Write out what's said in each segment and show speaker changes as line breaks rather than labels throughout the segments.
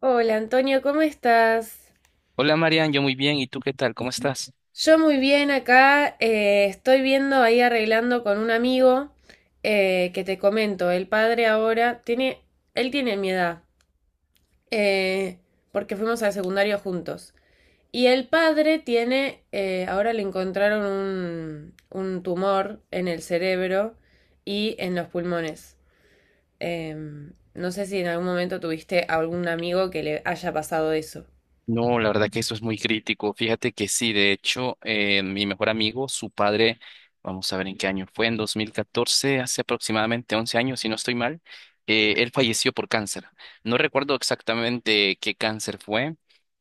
Hola Antonio, ¿cómo estás?
Hola Marian, yo muy bien. ¿Y tú qué tal? ¿Cómo estás?
Yo muy bien acá, estoy viendo ahí arreglando con un amigo que te comento, el padre ahora tiene, él tiene mi edad, eh, porque fuimos al secundario juntos. Y el padre tiene, ahora le encontraron un tumor en el cerebro y en los pulmones. No sé si en algún momento tuviste algún amigo que le haya pasado eso.
No, la verdad que eso es muy crítico. Fíjate que sí, de hecho, mi mejor amigo, su padre, vamos a ver en qué año fue, en 2014, hace aproximadamente 11 años, si no estoy mal, él falleció por cáncer. No recuerdo exactamente qué cáncer fue,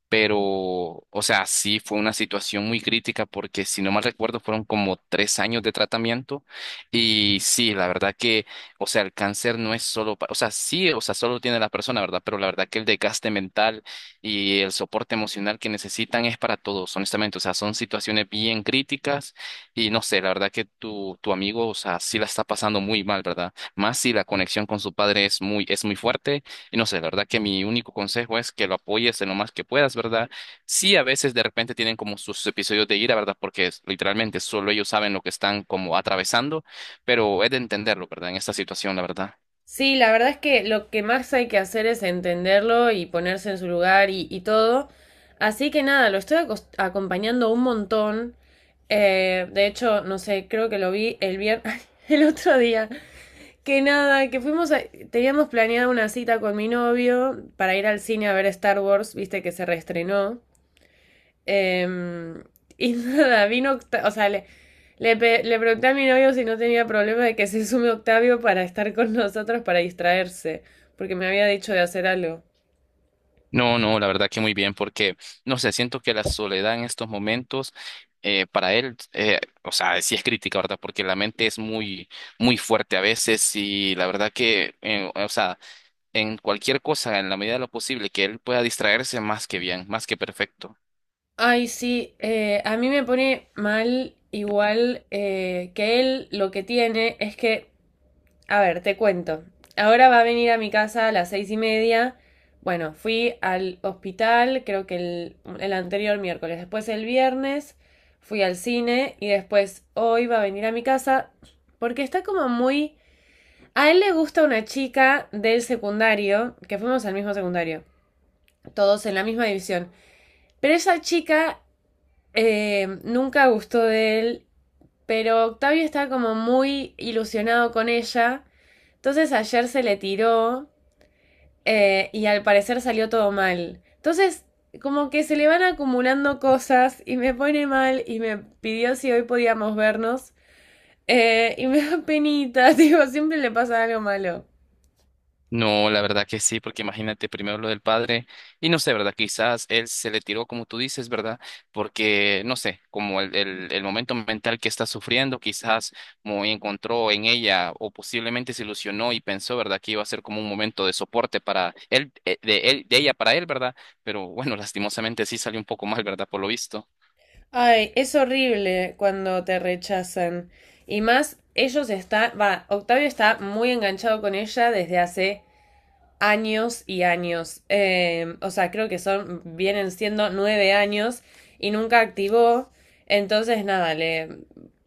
pero, o sea, sí fue una situación muy crítica porque, si no mal recuerdo, fueron como 3 años de tratamiento. Y sí, la verdad que, o sea, el cáncer no es solo, o sea, sí, o sea, solo tiene la persona, ¿verdad? Pero la verdad que el desgaste mental y el soporte emocional que necesitan es para todos, honestamente. O sea, son situaciones bien críticas y no sé, la verdad que tu amigo, o sea, sí la está pasando muy mal, ¿verdad? Más si la conexión con su padre es muy fuerte y no sé, la verdad que mi único consejo es que lo apoyes en lo más que puedas, ¿verdad? Sí, a veces de repente tienen como sus episodios de ira, ¿verdad? Porque literalmente solo ellos saben lo que están como atravesando, pero es de entenderlo, ¿verdad? En esta situación, la verdad.
Sí, la verdad es que lo que más hay que hacer es entenderlo y ponerse en su lugar y todo. Así que nada, lo estoy acompañando un montón. De hecho, no sé, creo que lo vi el viernes, el otro día. Que nada, teníamos planeada una cita con mi novio para ir al cine a ver Star Wars, viste que se reestrenó. Eh, y nada, vino, o sea, le pregunté a mi novio si no tenía problema de que se sume Octavio para estar con nosotros, para distraerse, porque me había dicho de hacer algo.
No, no, la verdad que muy bien, porque no sé, siento que la soledad en estos momentos, para él, o sea, sí es crítica, ¿verdad? Porque la mente es muy, muy fuerte a veces y la verdad que, o sea, en cualquier cosa, en la medida de lo posible, que él pueda distraerse más que bien, más que perfecto.
Ay, sí, a mí me pone mal igual, que él lo que tiene es que. A ver, te cuento. Ahora va a venir a mi casa a las 6:30. Bueno, fui al hospital, creo que el anterior miércoles, después el viernes, fui al cine y después hoy va a venir a mi casa porque está como muy. A él le gusta una chica del secundario, que fuimos al mismo secundario, todos en la misma división. Pero esa chica, nunca gustó de él, pero Octavio está como muy ilusionado con ella. Entonces ayer se le tiró, y al parecer salió todo mal. Entonces, como que se le van acumulando cosas y me pone mal y me pidió si hoy podíamos vernos. Y me da penita, digo, siempre le pasa algo malo.
No, la verdad que sí, porque imagínate primero lo del padre y no sé, ¿verdad? Quizás él se le tiró como tú dices, ¿verdad? Porque, no sé, como el momento mental que está sufriendo, quizás como encontró en ella o posiblemente se ilusionó y pensó, ¿verdad? Que iba a ser como un momento de soporte para él, de él, de ella para él, ¿verdad? Pero bueno, lastimosamente sí salió un poco mal, ¿verdad? Por lo visto.
Ay, es horrible cuando te rechazan. Y más, ellos están, va, Octavio está muy enganchado con ella desde hace años y años. O sea, creo que son, vienen siendo 9 años y nunca activó. Entonces, nada, le.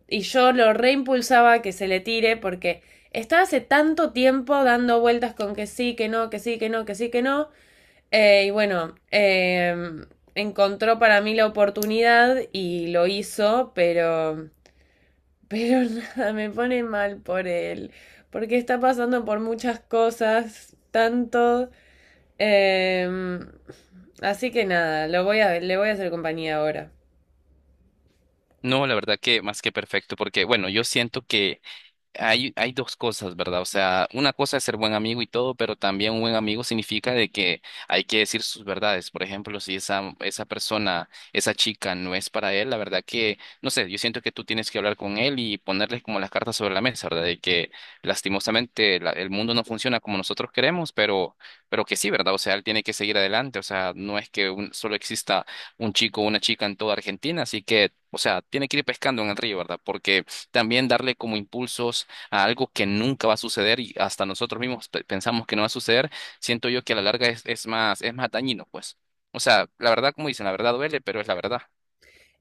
Y yo lo reimpulsaba que se le tire porque estaba hace tanto tiempo dando vueltas con que sí, que no, que sí, que no, que sí, que no. Y bueno, encontró para mí la oportunidad y lo hizo, pero. Pero nada, me pone mal por él. Porque está pasando por muchas cosas, tanto. Em, Así que nada, le voy a hacer compañía ahora.
No, la verdad que más que perfecto, porque bueno, yo siento que hay dos cosas, ¿verdad? O sea, una cosa es ser buen amigo y todo, pero también un buen amigo significa de que hay que decir sus verdades. Por ejemplo, si esa persona, esa chica no es para él, la verdad que, no sé, yo siento que tú tienes que hablar con él y ponerle como las cartas sobre la mesa, ¿verdad? De que lastimosamente el mundo no funciona como nosotros queremos, pero que sí, ¿verdad? O sea, él tiene que seguir adelante. O sea, no es que solo exista un chico o una chica en toda Argentina, así que, o sea, tiene que ir pescando en el río, ¿verdad? Porque también darle como impulsos a algo que nunca va a suceder y hasta nosotros mismos pensamos que no va a suceder, siento yo que a la larga es más dañino, pues. O sea, la verdad, como dicen, la verdad duele, pero es la verdad.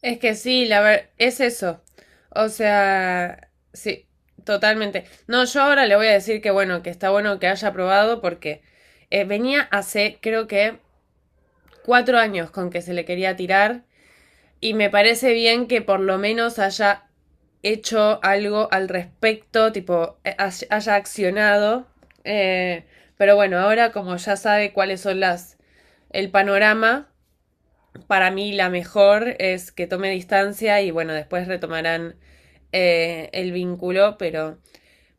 Es que sí, la ver, es eso. O sea, sí, totalmente. No, yo ahora le voy a decir que bueno, que está bueno que haya probado porque, venía hace creo que 4 años con que se le quería tirar y me parece bien que por lo menos haya hecho algo al respecto, tipo, haya accionado. Eh, pero bueno, ahora como ya sabe cuáles son las el panorama. Para mí la mejor es que tome distancia y bueno, después retomarán, el vínculo, pero,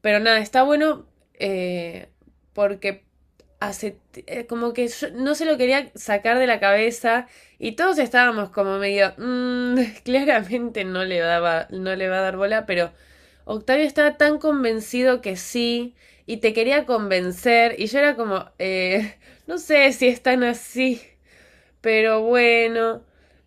pero nada, está bueno, eh, porque hace, como que yo no se lo quería sacar de la cabeza y todos estábamos como medio, claramente no le va a dar bola, pero Octavio estaba tan convencido que sí y te quería convencer y yo era como, no sé si están así. Pero bueno,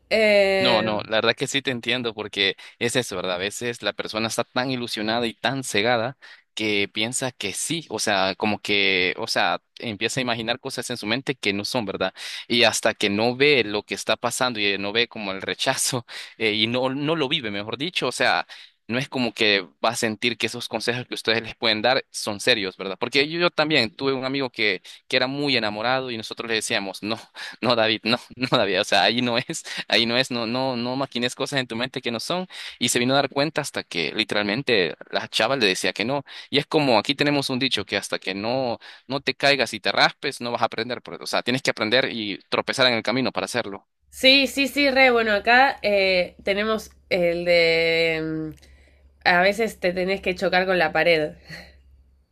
eh,
No, no, la verdad que sí te entiendo porque es eso, ¿verdad? A veces la persona está tan ilusionada y tan cegada que piensa que sí, o sea, como que, o sea, empieza a imaginar cosas en su mente que no son, ¿verdad? Y hasta que no ve lo que está pasando y no ve como el rechazo y no lo vive, mejor dicho, o sea, no es como que va a sentir que esos consejos que ustedes les pueden dar son serios, ¿verdad? Porque yo también tuve un amigo que era muy enamorado y nosotros le decíamos, no, no, David, no, no, David, o sea, ahí no es. Ahí no es, no, no, no maquines cosas en tu mente que no son. Y se vino a dar cuenta hasta que literalmente la chava le decía que no. Y es como aquí tenemos un dicho que hasta que no, te caigas y te raspes, no vas a aprender. O sea, tienes que aprender y tropezar en el camino para hacerlo.
sí, sí, sí, re bueno, acá, tenemos el de a veces te tenés que chocar con la pared.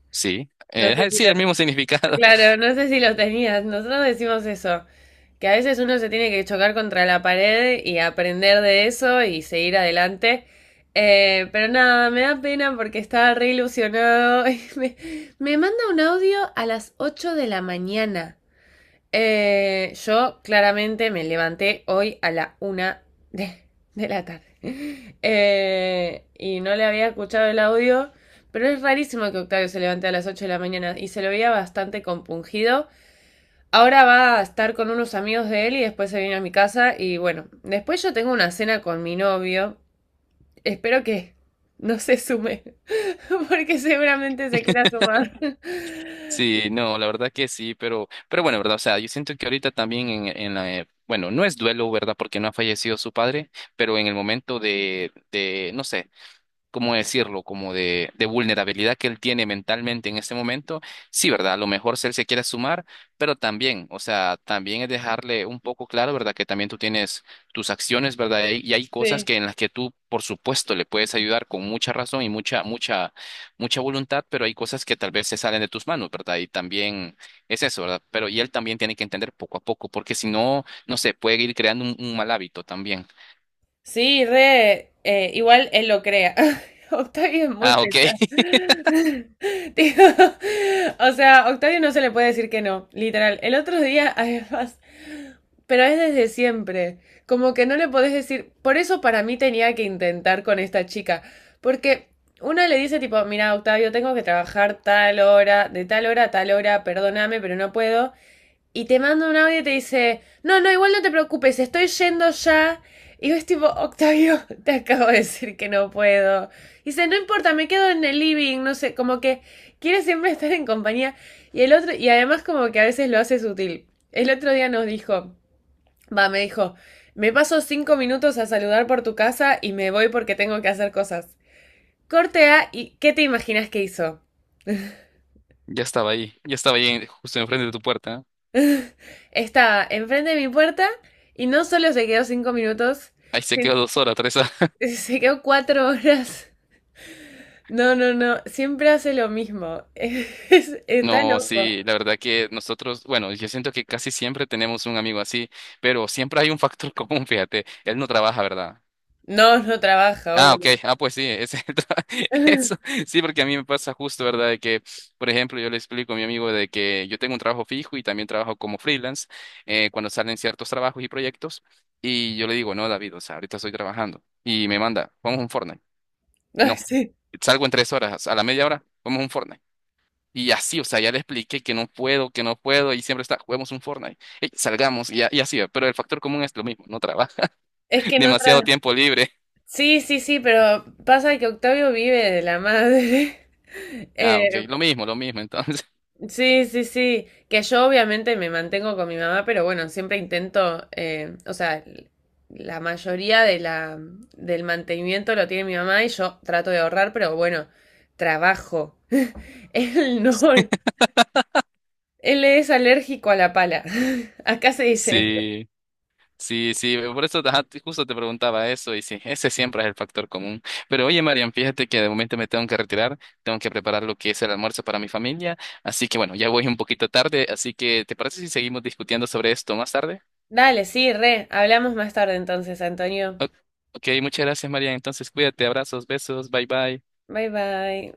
Sí,
No sé si
sí,
lo,
el mismo significado.
claro, no sé si lo tenías. Nosotros decimos eso, que a veces uno se tiene que chocar contra la pared y aprender de eso y seguir adelante. Pero nada, me da pena porque estaba re ilusionado. Y me manda un audio a las 8 de la mañana. Yo claramente me levanté hoy a la una de, de la tarde. Y no le había escuchado el audio, pero es rarísimo que Octavio se levante a las 8 de la mañana y se lo veía bastante compungido. Ahora va a estar con unos amigos de él y después se viene a mi casa y bueno, después yo tengo una cena con mi novio. Espero que no se sume, porque seguramente se quiera sumar.
Sí, no, la verdad que sí, pero bueno, ¿verdad? O sea, yo siento que ahorita también en la, bueno, no es duelo, ¿verdad? Porque no ha fallecido su padre, pero en el momento de, no sé. ¿Cómo decirlo? Como de vulnerabilidad que él tiene mentalmente en este momento, sí, ¿verdad? A lo mejor si él se quiere sumar, pero también, o sea, también es dejarle un poco claro, ¿verdad? Que también tú tienes tus acciones, ¿verdad? Y hay cosas
Sí.
que en las que tú, por supuesto, le puedes ayudar con mucha razón y mucha, mucha, mucha voluntad, pero hay cosas que tal vez se salen de tus manos, ¿verdad? Y también es eso, ¿verdad? Pero y él también tiene que entender poco a poco, porque si no, no sé, puede ir creando un mal hábito también.
Sí, re, igual él lo crea. Octavio es muy
Ah, ok.
pesado. Tipo, o sea, Octavio no se le puede decir que no, literal. El otro día, además, pero es desde siempre. Como que no le podés decir. Por eso para mí tenía que intentar con esta chica. Porque una le dice, tipo, mira, Octavio, tengo que trabajar tal hora, de tal hora a tal hora, perdóname, pero no puedo, y te manda un audio y te dice, no, no, igual no te preocupes, estoy yendo ya. Y yo es tipo, Octavio, te acabo de decir que no puedo. Y dice, no importa, me quedo en el living, no sé, como que quiere siempre estar en compañía. Y el otro, y además como que a veces lo hace sutil. El otro día nos dijo, va, me dijo, me paso 5 minutos a saludar por tu casa y me voy porque tengo que hacer cosas. Corte A, ¿y qué te imaginas que hizo?
Ya estaba ahí justo enfrente de tu puerta.
Estaba enfrente de mi puerta y no solo se quedó 5 minutos,
Ahí se quedó 2 horas, 3 horas.
se quedó 4 horas. No, no, no. Siempre hace lo mismo. Está
No,
loco.
sí, la verdad que nosotros, bueno, yo siento que casi siempre tenemos un amigo así, pero siempre hay un factor común, fíjate, él no trabaja, ¿verdad?
No, no trabaja,
Ah, ok,
obvio.
ah, pues sí, ese eso, sí, porque a mí me pasa justo, ¿verdad? De que, por ejemplo, yo le explico a mi amigo de que yo tengo un trabajo fijo y también trabajo como freelance cuando salen ciertos trabajos y proyectos, y yo le digo, no, David, o sea, ahorita estoy trabajando, y me manda, vamos a un Fortnite. No,
Ay, sí.
salgo en 3 horas, a la 1/2 hora, vamos a un Fortnite. Y así, o sea, ya le expliqué que no puedo, y siempre está, juguemos un Fortnite, ey, salgamos, y, y así, pero el factor común es lo mismo, no trabaja,
Es que no
demasiado
tra-.
tiempo libre.
Sí, sí, sí, pero pasa que Octavio vive de la madre.
Ah, ok,
Eh,
lo mismo, entonces.
sí, sí, sí. Que yo obviamente me mantengo con mi mamá, pero bueno, siempre intento, o sea, la mayoría del mantenimiento lo tiene mi mamá y yo trato de ahorrar, pero bueno, trabajo. Él no, él es alérgico a la pala. Acá se dice.
Sí, sí, sí, por eso ajá, justo te preguntaba eso, y sí, ese siempre es el factor común. Pero oye, Marian, fíjate que de momento me tengo que retirar, tengo que preparar lo que es el almuerzo para mi familia, así que bueno, ya voy un poquito tarde, así que ¿te parece si seguimos discutiendo sobre esto más tarde?
Dale, sí, re. Hablamos más tarde entonces, Antonio.
O- Ok, muchas gracias, María. Entonces, cuídate, abrazos, besos, bye bye.
Bye bye.